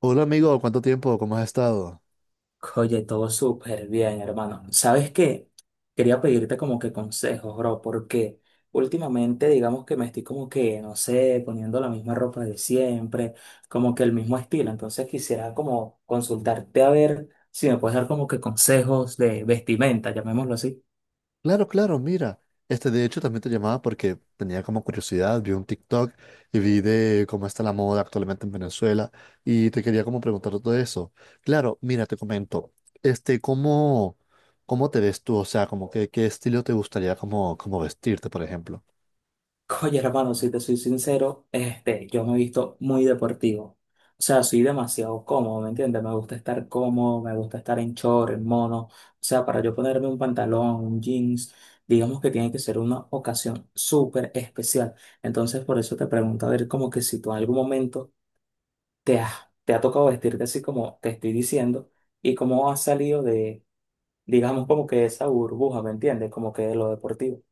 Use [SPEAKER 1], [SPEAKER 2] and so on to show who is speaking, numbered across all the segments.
[SPEAKER 1] Hola amigo, ¿cuánto tiempo? ¿Cómo has estado?
[SPEAKER 2] Oye, todo súper bien, hermano. ¿Sabes qué? Quería pedirte como que consejos, bro, porque últimamente digamos que me estoy como que, no sé, poniendo la misma ropa de siempre, como que el mismo estilo. Entonces quisiera como consultarte a ver si me puedes dar como que consejos de vestimenta, llamémoslo así.
[SPEAKER 1] Claro, claro, mira. De hecho, también te llamaba porque tenía como curiosidad, vi un TikTok y vi de cómo está la moda actualmente en Venezuela y te quería como preguntar todo eso. Claro, mira, te comento, este, ¿cómo, ¿cómo te ves tú? O sea, como que, qué estilo te gustaría como vestirte, por ejemplo.
[SPEAKER 2] Oye, hermano, si te soy sincero, yo me he visto muy deportivo. O sea, soy demasiado cómodo, ¿me entiendes? Me gusta estar cómodo, me gusta estar en short, en mono. O sea, para yo ponerme un pantalón, un jeans, digamos que tiene que ser una ocasión súper especial. Entonces, por eso te pregunto, a ver, como que si tú en algún momento te has, te ha tocado vestirte así como te estoy diciendo y cómo has salido de, digamos, como que esa burbuja, ¿me entiendes? Como que de lo deportivo.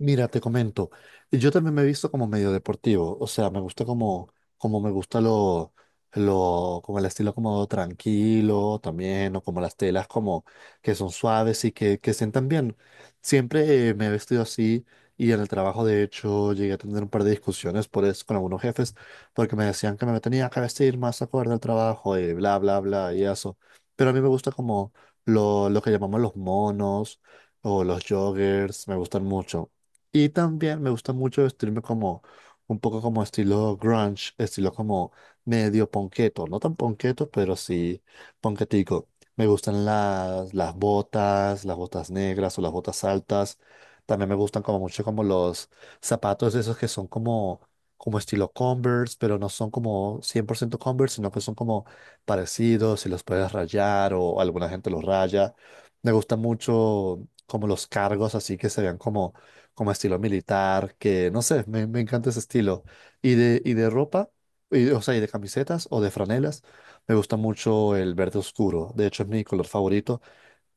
[SPEAKER 1] Mira, te comento, yo también me he visto como medio deportivo, o sea, como me gusta lo, como el estilo como tranquilo también, o como las telas como que son suaves y que sientan bien. Siempre me he vestido así y en el trabajo de hecho llegué a tener un par de discusiones por eso con algunos jefes, porque me decían que me tenía que vestir más acorde al trabajo y bla, bla, bla y eso. Pero a mí me gusta como lo que llamamos los monos o los joggers, me gustan mucho. Y también me gusta mucho vestirme como un poco como estilo grunge, estilo como medio ponqueto, no tan ponqueto, pero sí ponquetico. Me gustan las botas negras o las botas altas. También me gustan como mucho como los zapatos esos que como estilo Converse, pero no son como 100% Converse, sino que son como parecidos y los puedes rayar o alguna gente los raya. Me gusta mucho como los cargos así que se vean como estilo militar, que no sé, me encanta ese estilo. Y de ropa, o sea, y de camisetas o de franelas, me gusta mucho el verde oscuro. De hecho, es mi color favorito.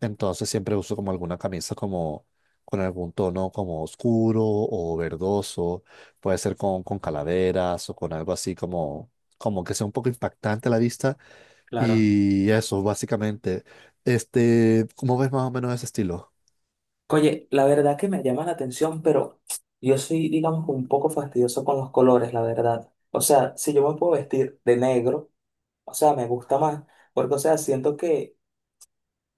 [SPEAKER 1] Entonces, siempre uso como alguna camisa como con algún tono como oscuro o verdoso. Puede ser con calaveras o con algo como que sea un poco impactante a la vista.
[SPEAKER 2] Claro.
[SPEAKER 1] Y eso, básicamente. ¿Cómo ves más o menos ese estilo?
[SPEAKER 2] Oye, la verdad que me llama la atención, pero yo soy, digamos, un poco fastidioso con los colores, la verdad. O sea, si yo me puedo vestir de negro, o sea, me gusta más, porque, o sea, siento que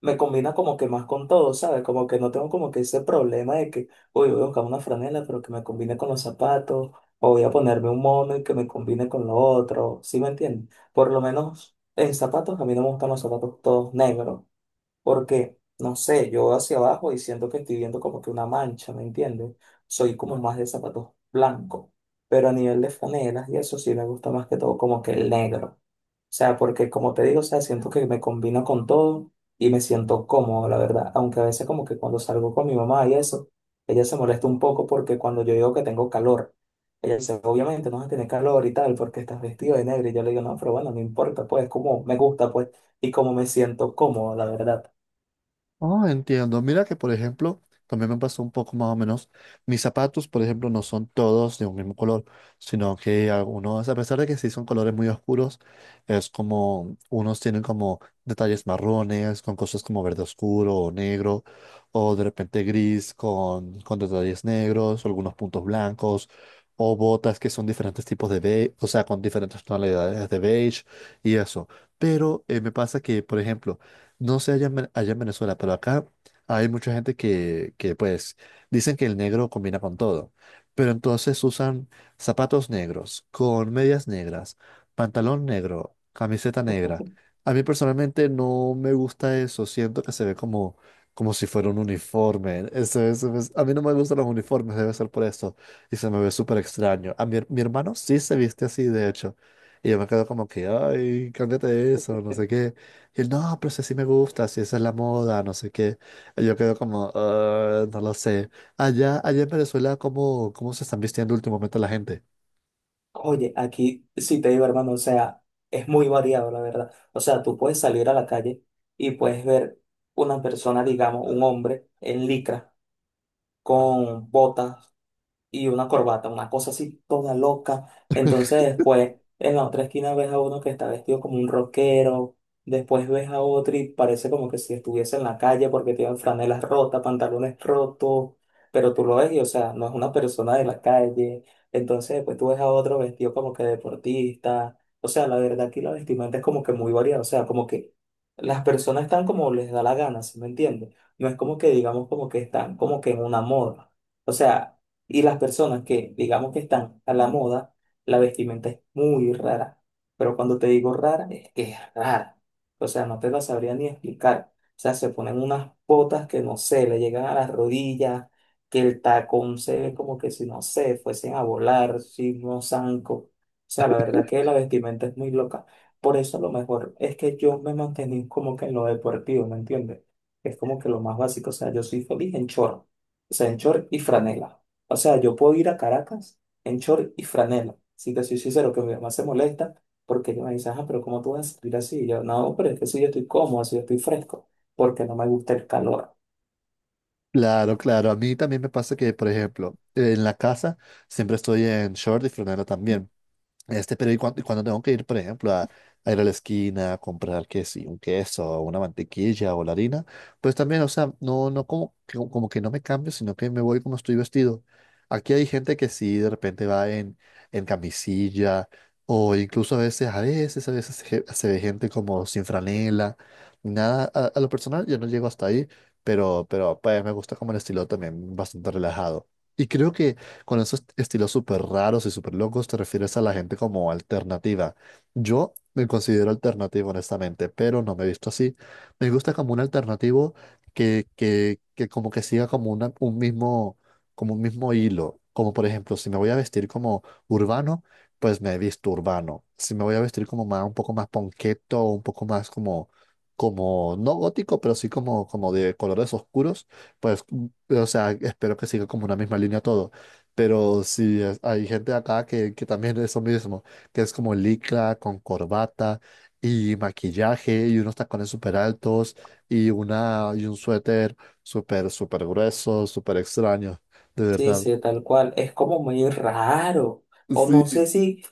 [SPEAKER 2] me combina como que más con todo, ¿sabes? Como que no tengo como que ese problema de que, uy, voy a buscar una franela, pero que me combine con los zapatos, o voy a ponerme un mono y que me combine con lo otro, ¿sí me entiendes? Por lo menos en zapatos, a mí no me gustan los zapatos todos negros porque, no sé, yo hacia abajo y siento que estoy viendo como que una mancha, ¿me entiendes? Soy como más de zapatos blancos, pero a nivel de franelas y eso sí me gusta más que todo como que el negro. O sea, porque como te digo, o sea, siento que me combina con todo y me siento cómodo, la verdad. Aunque a veces como que cuando salgo con mi mamá y eso, ella se molesta un poco porque cuando yo digo que tengo calor, ella dice, obviamente no vas a tener calor y tal porque estás vestido de negro. Y yo le digo, no, pero bueno, no importa, pues como me gusta, pues, y como me siento cómodo, la verdad.
[SPEAKER 1] Oh, entiendo. Mira que, por ejemplo, también me pasó un poco más o menos. Mis zapatos, por ejemplo, no son todos de un mismo color, sino que algunos, a pesar de que sí son colores muy oscuros, es como, unos tienen como detalles marrones, con cosas como verde oscuro o negro, o de repente gris con detalles negros, algunos puntos blancos, o botas que son diferentes tipos de beige, o sea, con diferentes tonalidades de beige y eso. Pero me pasa que, por ejemplo, no sé allá en Venezuela, pero acá hay mucha gente que, pues dicen que el negro combina con todo. Pero entonces usan zapatos negros, con medias negras, pantalón negro, camiseta negra. A mí personalmente no me gusta eso. Siento que se ve como, como si fuera un uniforme. A mí no me gustan los uniformes, debe ser por eso. Y se me ve súper extraño. Mi hermano sí se viste así, de hecho. Y yo me quedo como que, ay, cámbiate eso, no sé qué. Y él, no, pero si así me gusta, si esa es la moda, no sé qué. Y yo quedo como, "Ah, no lo sé. Allá en Venezuela, ¿cómo se están vistiendo últimamente la gente?
[SPEAKER 2] Oye, aquí sí te digo, hermano, o sea, es muy variado, la verdad. O sea, tú puedes salir a la calle y puedes ver una persona, digamos, un hombre en licra, con botas, y una corbata, una cosa así toda loca. Entonces después en la otra esquina ves a uno que está vestido como un rockero, después ves a otro y parece como que si estuviese en la calle porque tiene franelas rotas, pantalones rotos, pero tú lo ves y o sea, no es una persona de la calle. Entonces después tú ves a otro vestido como que deportista. O sea, la verdad aquí la vestimenta es como que muy variada, o sea, como que las personas están como les da la gana, ¿sí me entiendes? No es como que digamos como que están como que en una moda. O sea, y las personas que, digamos que están a la moda, la vestimenta es muy rara. Pero cuando te digo rara, es que es rara. O sea, no te la sabría ni explicar. O sea, se ponen unas botas que no sé, le llegan a las rodillas, que el tacón se ve como que si no sé, fuesen a volar, si no zanco. O sea, la verdad que la vestimenta es muy loca. Por eso lo mejor es que yo me mantení como que en lo deportivo, ¿me entiendes? Es como que lo más básico. O sea, yo soy feliz en chorro. O sea, en short y franela. O sea, yo puedo ir a Caracas en short y franela. Sí que soy sincero, que mi mamá se molesta porque ella me dice, ah, pero ¿cómo tú vas a salir así? Y yo, no, pero es que si yo estoy cómodo, si yo estoy fresco, porque no me gusta el calor.
[SPEAKER 1] Claro, claro. A mí también me pasa que, por ejemplo, en la casa siempre estoy en short y franela también. Pero tengo que ir, por ejemplo, a ir a la esquina a comprar que sí, un queso o una mantequilla o la harina, pues también, o sea, no como que, como que no me cambio, sino que me voy como estoy vestido. Aquí hay gente que sí de repente en camisilla o incluso a veces se ve gente como sin franela, nada, a lo personal yo no llego hasta ahí, pero pues me gusta como el estilo también bastante relajado. Y creo que con esos estilos súper raros y súper locos te refieres a la gente como alternativa. Yo me considero alternativo, honestamente, pero no me he visto así. Me gusta como un alternativo que como que siga como un mismo, como un mismo hilo. Como por ejemplo, si me voy a vestir como urbano, pues me he visto urbano. Si me voy a vestir como más, un poco más ponqueto, un poco más como, no gótico, pero sí como de colores oscuros, pues, o sea, espero que siga como una misma línea todo. Pero sí, hay gente acá que también es lo mismo, que es como licra con corbata y maquillaje y unos tacones súper altos y un suéter súper grueso, súper extraño, de
[SPEAKER 2] Sí,
[SPEAKER 1] verdad.
[SPEAKER 2] sí, tal cual. Es como muy raro. O no
[SPEAKER 1] Sí,
[SPEAKER 2] sé si.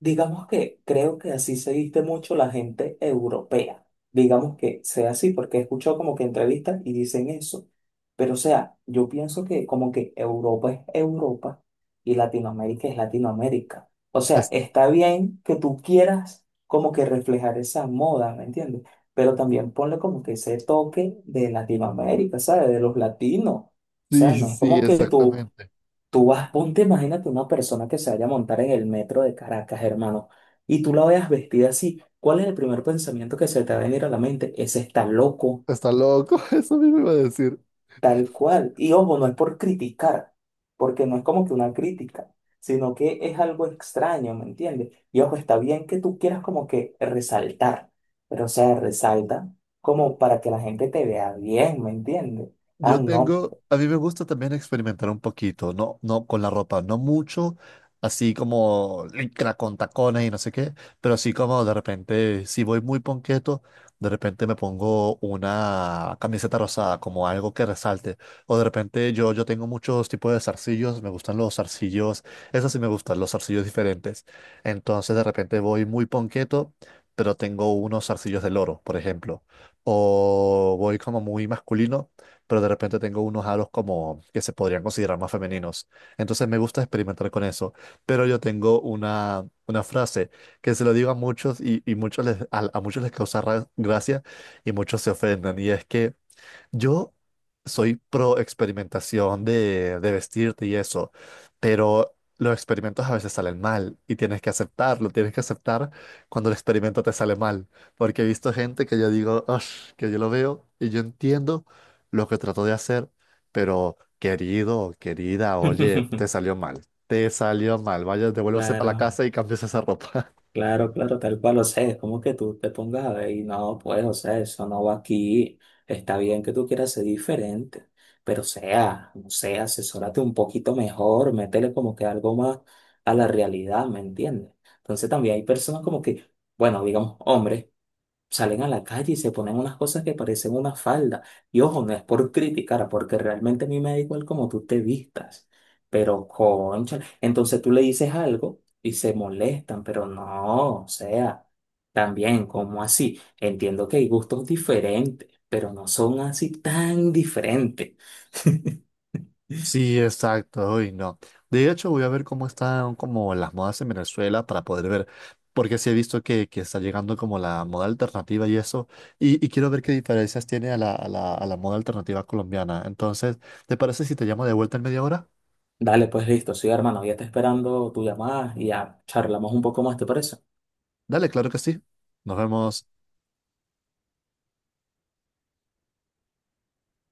[SPEAKER 2] Digamos que creo que así se viste mucho la gente europea. Digamos que sea así, porque he escuchado como que entrevistas y dicen eso. Pero o sea, yo pienso que como que Europa es Europa y Latinoamérica es Latinoamérica. O sea,
[SPEAKER 1] es-
[SPEAKER 2] está bien que tú quieras como que reflejar esa moda, ¿me entiendes? Pero también ponle como que ese toque de Latinoamérica, ¿sabes? De los latinos. O sea, no es
[SPEAKER 1] sí,
[SPEAKER 2] como que tú.
[SPEAKER 1] exactamente.
[SPEAKER 2] Tú vas, ponte, imagínate una persona que se vaya a montar en el metro de Caracas, hermano, y tú la veas vestida así. ¿Cuál es el primer pensamiento que se te va a venir a la mente? Ese está loco,
[SPEAKER 1] Está loco, eso mismo iba a decir.
[SPEAKER 2] tal cual. Y ojo, no es por criticar, porque no es como que una crítica, sino que es algo extraño, ¿me entiendes? Y ojo, está bien que tú quieras como que resaltar, pero o sea, resalta como para que la gente te vea bien, ¿me entiendes? Ah,
[SPEAKER 1] Yo
[SPEAKER 2] no.
[SPEAKER 1] tengo, a mí me gusta también experimentar un poquito, no con la ropa, no mucho, así como licra con tacones y no sé qué, pero así como de repente, si voy muy ponqueto, de repente me pongo una camiseta rosada, como algo que resalte, o de repente yo tengo muchos tipos de zarcillos, me gustan los zarcillos, esos sí me gustan, los zarcillos diferentes, entonces de repente voy muy ponqueto, pero tengo unos zarcillos de loro, por ejemplo, o voy como muy masculino pero de repente tengo unos halos como que se podrían considerar más femeninos. Entonces me gusta experimentar con eso, pero yo tengo una frase que se lo digo a muchos a muchos les causa gracia y muchos se ofenden y es que yo soy pro experimentación de vestirte y eso, pero los experimentos a veces salen mal y tienes que aceptarlo, tienes que aceptar cuando el experimento te sale mal, porque he visto gente que yo digo, "Ush", que yo lo veo y yo entiendo lo que trató de hacer, pero querido, querida, oye, te salió mal, vaya, devuélvase para la
[SPEAKER 2] Claro.
[SPEAKER 1] casa y cambies esa ropa.
[SPEAKER 2] Claro, claro, tal cual, o sea, es como que tú te pongas a ver y no, pues, o sea, eso no va aquí, está bien que tú quieras ser diferente, pero o sea, no sé, asesórate un poquito mejor, métele como que algo más a la realidad, ¿me entiendes? Entonces también hay personas como que, bueno, digamos, hombres salen a la calle y se ponen unas cosas que parecen una falda. Y ojo, no es por criticar, porque realmente a mí me da igual como tú te vistas. Pero concha, entonces tú le dices algo y se molestan, pero no, o sea, también, como así? Entiendo que hay gustos diferentes, pero no son así tan diferentes.
[SPEAKER 1] Sí, exacto, uy, no. De hecho, voy a ver cómo están como las modas en Venezuela para poder ver, porque sí he visto que está llegando como la moda alternativa y eso, y quiero ver qué diferencias tiene a a la moda alternativa colombiana. Entonces, ¿te parece si te llamo de vuelta en media hora?
[SPEAKER 2] Dale, pues listo, sí, hermano, ya está esperando tu llamada y ya charlamos un poco más, ¿te parece?
[SPEAKER 1] Dale, claro que sí. Nos vemos.